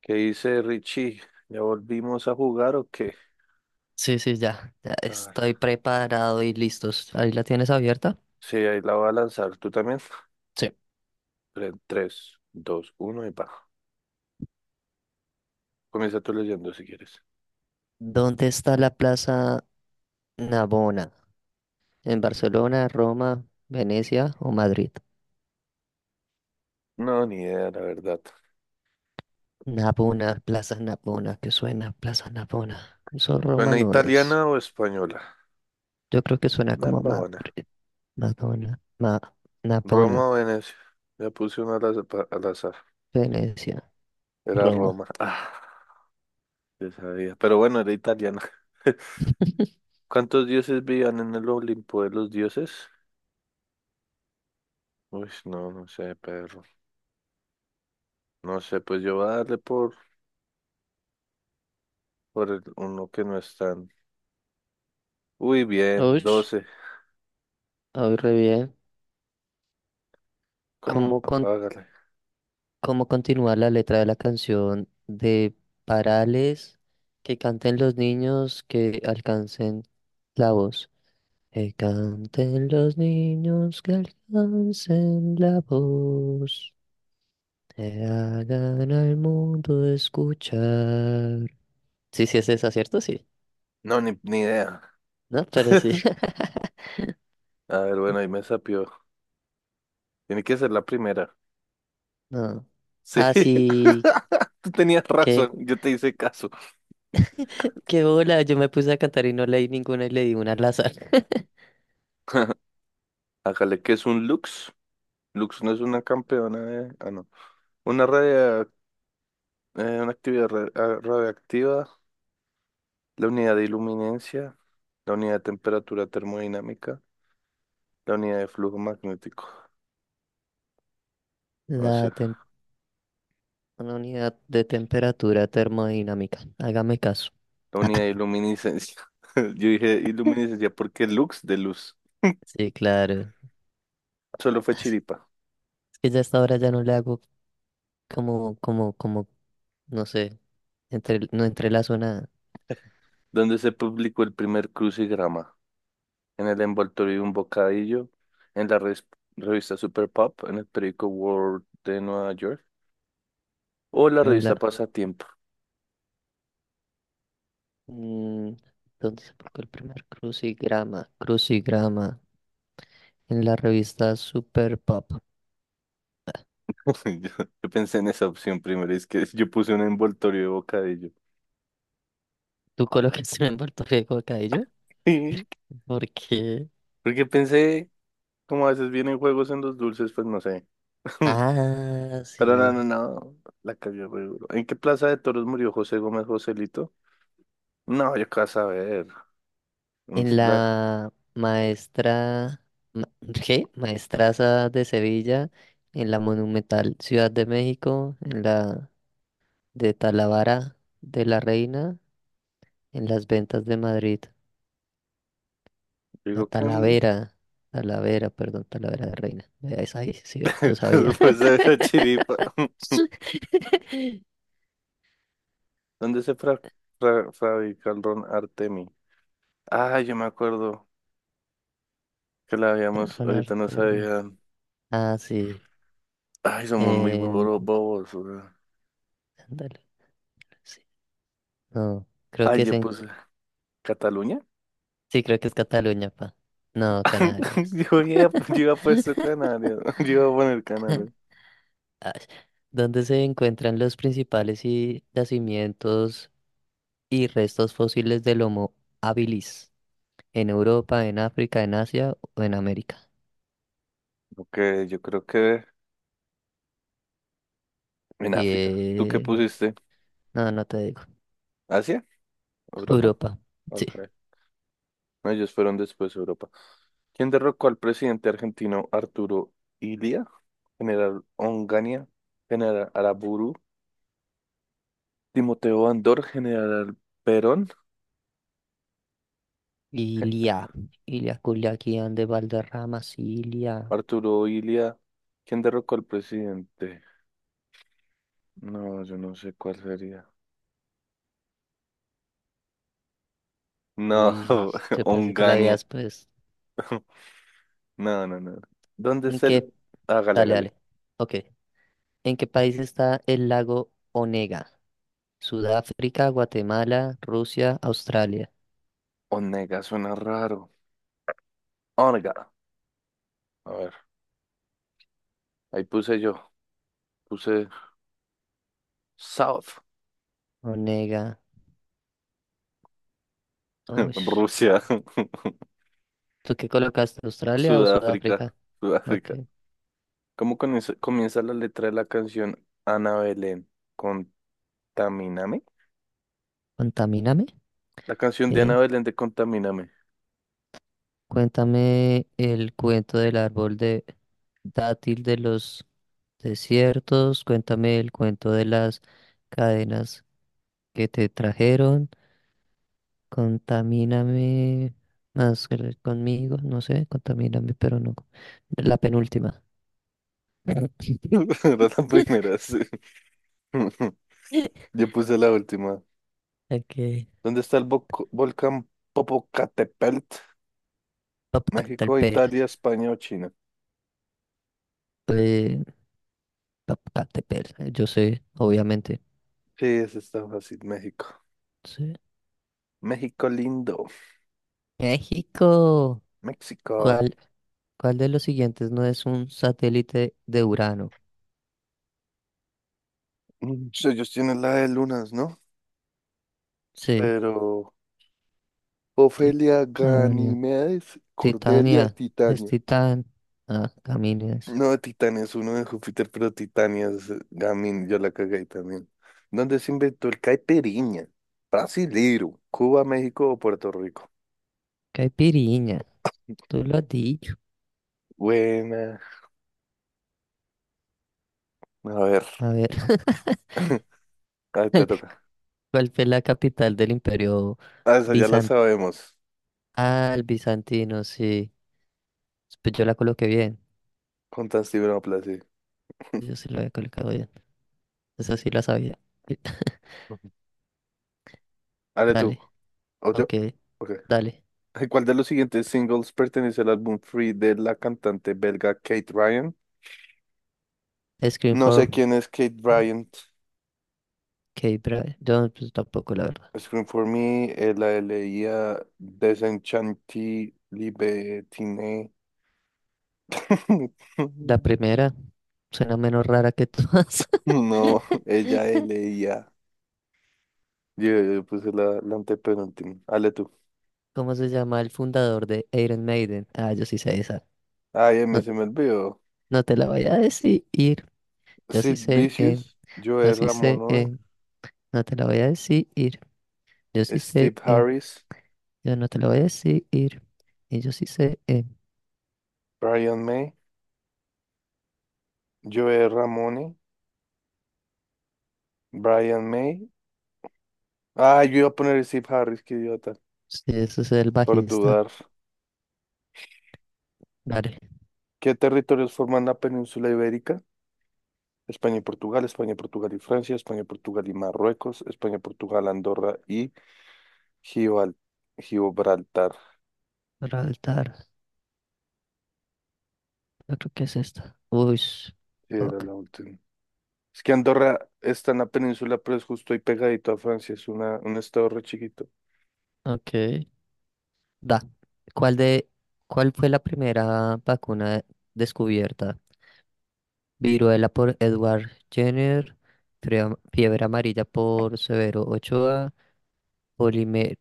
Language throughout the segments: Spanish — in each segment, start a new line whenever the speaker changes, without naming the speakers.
¿Qué dice Richie? ¿Ya volvimos a jugar o qué?
Sí, sí, ya, ya
A ver,
estoy preparado y listos. ¿Ahí la tienes abierta?
sí, ahí la voy a lanzar. ¿Tú también?
Sí.
Tres dos uno y pa. Comienza tú leyendo si quieres.
¿Dónde está la Plaza Navona? ¿En Barcelona, Roma, Venecia o Madrid?
No, ni idea, la verdad.
Navona, Plaza Navona, que suena Plaza Navona. Eso Roma
Buena
no es.
italiana o española?
Yo creo que suena
Una
como Madrid,
babona.
Madonna, Ma,
¿Roma
Navona,
o Venecia? Ya puse una al azar. Al azar.
Venecia,
Era
Roma.
Roma. Ah, ya sabía. Pero bueno, era italiana. ¿Cuántos dioses vivían en el Olimpo de los dioses? Uy, no, no sé, perro. No sé, pues yo voy a darle por el uno que no es tan. Uy, bien,
Uy,
12.
hoy re bien.
¿Cómo?
¿Cómo
Hágale.
¿Cómo continúa la letra de la canción de Parales? Que canten los niños que alcancen la voz. Que canten los niños que alcancen la voz. Que hagan al mundo escuchar. Sí, sí es esa, ¿cierto? Sí.
No, ni idea.
No, pero sí.
A ver, bueno, ahí me sapió. Tiene que ser la primera.
No.
Sí.
Así
Tú tenías razón,
que,
yo te hice caso.
qué bola. Yo me puse a cantar y no leí ninguna y leí una al azar.
Hágale, ¿qué es un Lux? Lux no es una campeona de. Ah, no. Una radio. Una actividad radioactiva, la unidad de iluminencia, la unidad de temperatura termodinámica, la unidad de flujo magnético. No sé,
La una unidad de temperatura termodinámica. Hágame caso.
la unidad de iluminiscencia. Yo dije iluminiscencia porque Lux de luz.
Sí, claro.
Solo fue
Es
Chiripa,
que ya a esta hora ya no le hago como, no sé, entre, no entre la zona
donde se publicó el primer crucigrama, en el envoltorio de un bocadillo, en la revista Super Pop, en el periódico World de Nueva York, o la
en la...
revista Pasatiempo.
mm, ¿dónde se publicó el primer crucigrama? Crucigrama en la revista Super Pop.
Yo, yo pensé en esa opción primero, es que yo puse un envoltorio de bocadillo.
¿Tú colocaste un envoltorio de bocadillo?
Sí,
¿Por qué?
porque pensé, como a veces vienen juegos en los dulces, pues no sé.
Ah,
Pero no, no,
sí.
no, la cagué re duro. ¿En qué plaza de toros murió José Gómez Joselito? No, yo qué vas a ver. En
En
la-
la maestra ma- ¿qué? Maestraza de Sevilla, en la monumental Ciudad de México, en la de Talavera de la Reina, en las ventas de Madrid, la
digo que
Talavera, Talavera, perdón, Talavera de Reina. Vea, esa ahí, sí, ve, yo sabía.
pues de la chiripa. ¿Dónde se fabrica el ron Artemi? Ah, yo me acuerdo que la habíamos, ahorita
Ronald
no
Termi.
sabía.
Ah, sí.
Ay, somos muy
En
bobos, bobos, weón.
Andalucía. No, creo
Ay,
que es
yo
en.
puse Cataluña.
Sí, creo que es Cataluña, pa. No, Canarias.
Yo iba a puesto Canarias. Yo iba a poner Canarias.
Ah, ¿dónde se encuentran los principales y- yacimientos y restos fósiles del Homo habilis? ¿En Europa, en África, en Asia o en América?
Ok, yo creo que en África. ¿Tú qué
Bien.
pusiste?
No, no te digo.
¿Asia? ¿Europa?
Europa. Sí.
Ok. No, ellos fueron después Europa. ¿Quién derrocó al presidente argentino Arturo Illia? General Onganía, General Araburu, Timoteo Andor, General Perón,
Ilia. Ilia Culiacán de Valderrama, Ilia.
Arturo Illia. ¿Quién derrocó al presidente? No, yo no sé cuál sería. No,
Uy, yo pensé que la
Onganía.
habías, pues.
No, no, no. ¿Dónde
¿En
es
qué?
el? Hágale,
Dale,
hágale.
dale. Ok. ¿En qué país está el lago Onega? Sudáfrica, Guatemala, Rusia, Australia.
Onega suena raro. Onega. A ver, ahí puse yo. Puse South.
Onega. Uy,
Rusia.
¿tú qué colocaste? ¿Australia o
Sudáfrica.
Sudáfrica? Ok.
Sudáfrica. ¿Cómo comienza la letra de la canción Ana Belén? Con Contamíname.
Contamíname.
La canción de
Eh,
Ana Belén de Contamíname.
cuéntame el cuento del árbol de dátil de los desiertos. Cuéntame el cuento de las cadenas que te trajeron. Contamíname más que conmigo. No sé, contamíname, pero no. La penúltima.
Era la primera, sí. Yo puse la última.
Ok.
¿Dónde está el volcán Popocatépetl? México,
Popocatépetl,
Italia, España o China.
eh, Popocatépetl, yo sé, obviamente.
Sí, ese está fácil. México.
Sí.
México lindo.
México.
México.
¿Cuál, ¿cuál de los siguientes no es un satélite de Urano?
Mm, sí, ellos tienen la de lunas, ¿no?
Sí,
Pero. Ofelia,
Titania.
Ganimedes, Cordelia,
Titania, es
Titania.
Titán. Ah, Camines.
No, Titania es uno de Júpiter, pero Titania es Gamin, yo la cagué también. ¿Dónde se inventó el caipirinha? Brasilero, Cuba, México o Puerto Rico.
Caipiriña, tú lo has dicho.
Buena. A ver,
A ver,
ahí te
¿cuál
toca.
¿cuál fue la capital del imperio
Ah, esa ya la
bizantino?
sabemos.
Ah, el bizantino, sí. Pues yo la coloqué bien.
Con Tantibropla, sí.
Yo sí la había colocado bien. Esa sí la sabía.
Ujú. Dale tú.
Dale,
¿O yo?
ok,
Ok.
dale.
Ay, ¿cuál de los siguientes singles pertenece al álbum Free de la cantante belga Kate Ryan?
Screen
No sé
for.
quién es Kate
Ok,
Bryant.
bra- yo pues, tampoco la verdad.
Scream for Me, la leía Desenchanti Libertine.
La primera suena menos rara que todas.
No, ella leía. Yo puse la antepenúltima. Hale tú.
¿Cómo se llama el fundador de Iron Maiden? Ah, yo sí sé esa.
Ay, a mí
No,
se me olvidó.
no te la voy a decir. Yo sí
Sid
sé. eh,
Vicious,
yo
Joe
sí sé.
Ramone,
No te la voy a decir. Yo sí sé.
Steve Harris,
Yo no te la voy a decir. Y yo sí sé.
Brian May, Joe Ramone, Brian May. Ah, yo iba a poner Steve Harris, qué idiota,
Sí, eso es el
por
bajista.
dudar.
Dale.
¿Qué territorios forman la península ibérica? España, y Portugal y Francia, España, y Portugal y Marruecos, España, Portugal, Andorra y Gibral- Gibraltar.
Altar. Yo creo que es esta. Uy.
Era
Fuck.
la última. Es que Andorra está en la península, pero es justo ahí pegadito a Francia, es un estado re chiquito.
Ok. Ok. Da. ¿Cuál de, ¿cuál fue la primera vacuna descubierta? Viruela por Edward Jenner, Frea- Fiebre Amarilla por Severo Ochoa, polime-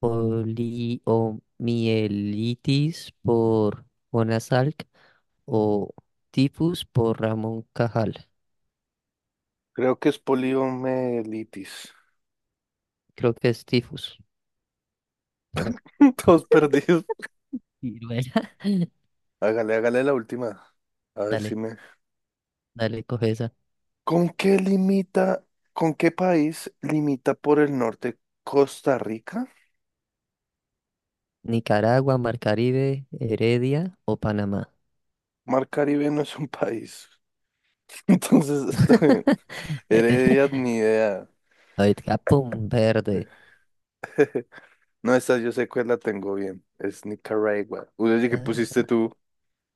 poliomielitis por Jonas Salk o tifus por Ramón Cajal.
Creo que es poliomielitis.
Creo que es tifus.
Todos perdidos.
Viruela.
Hágale, hágale la última. A ver si
Dale,
me.
dale, coge esa.
¿Con qué limita, con qué país limita por el norte Costa Rica?
Nicaragua, Mar Caribe, Heredia o Panamá.
Mar Caribe no es un país. Entonces, Heredia, ni idea.
Ahorita, capón verde.
No, esta yo sé cuál la tengo bien. Es Nicaragua. Uy, oye, ¿qué
Ah,
pusiste tú?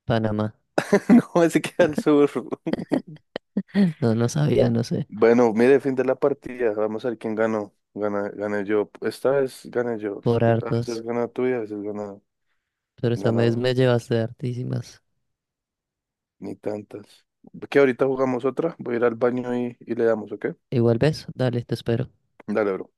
Panamá.
No, ese queda al sur.
No, no sabía, no sé.
Bueno, mire, fin de la partida. Vamos a ver quién ganó. Gané yo. Esta vez gané yo. Es
Por
que a veces
hartos.
gana tú y a veces gana,
Pero esta
gana
vez me llevaste hartísimas.
ni tantas. Que ahorita jugamos otra. Voy a ir al baño y le damos, ¿ok?
Igual ves, dale, te espero.
Dale, bro.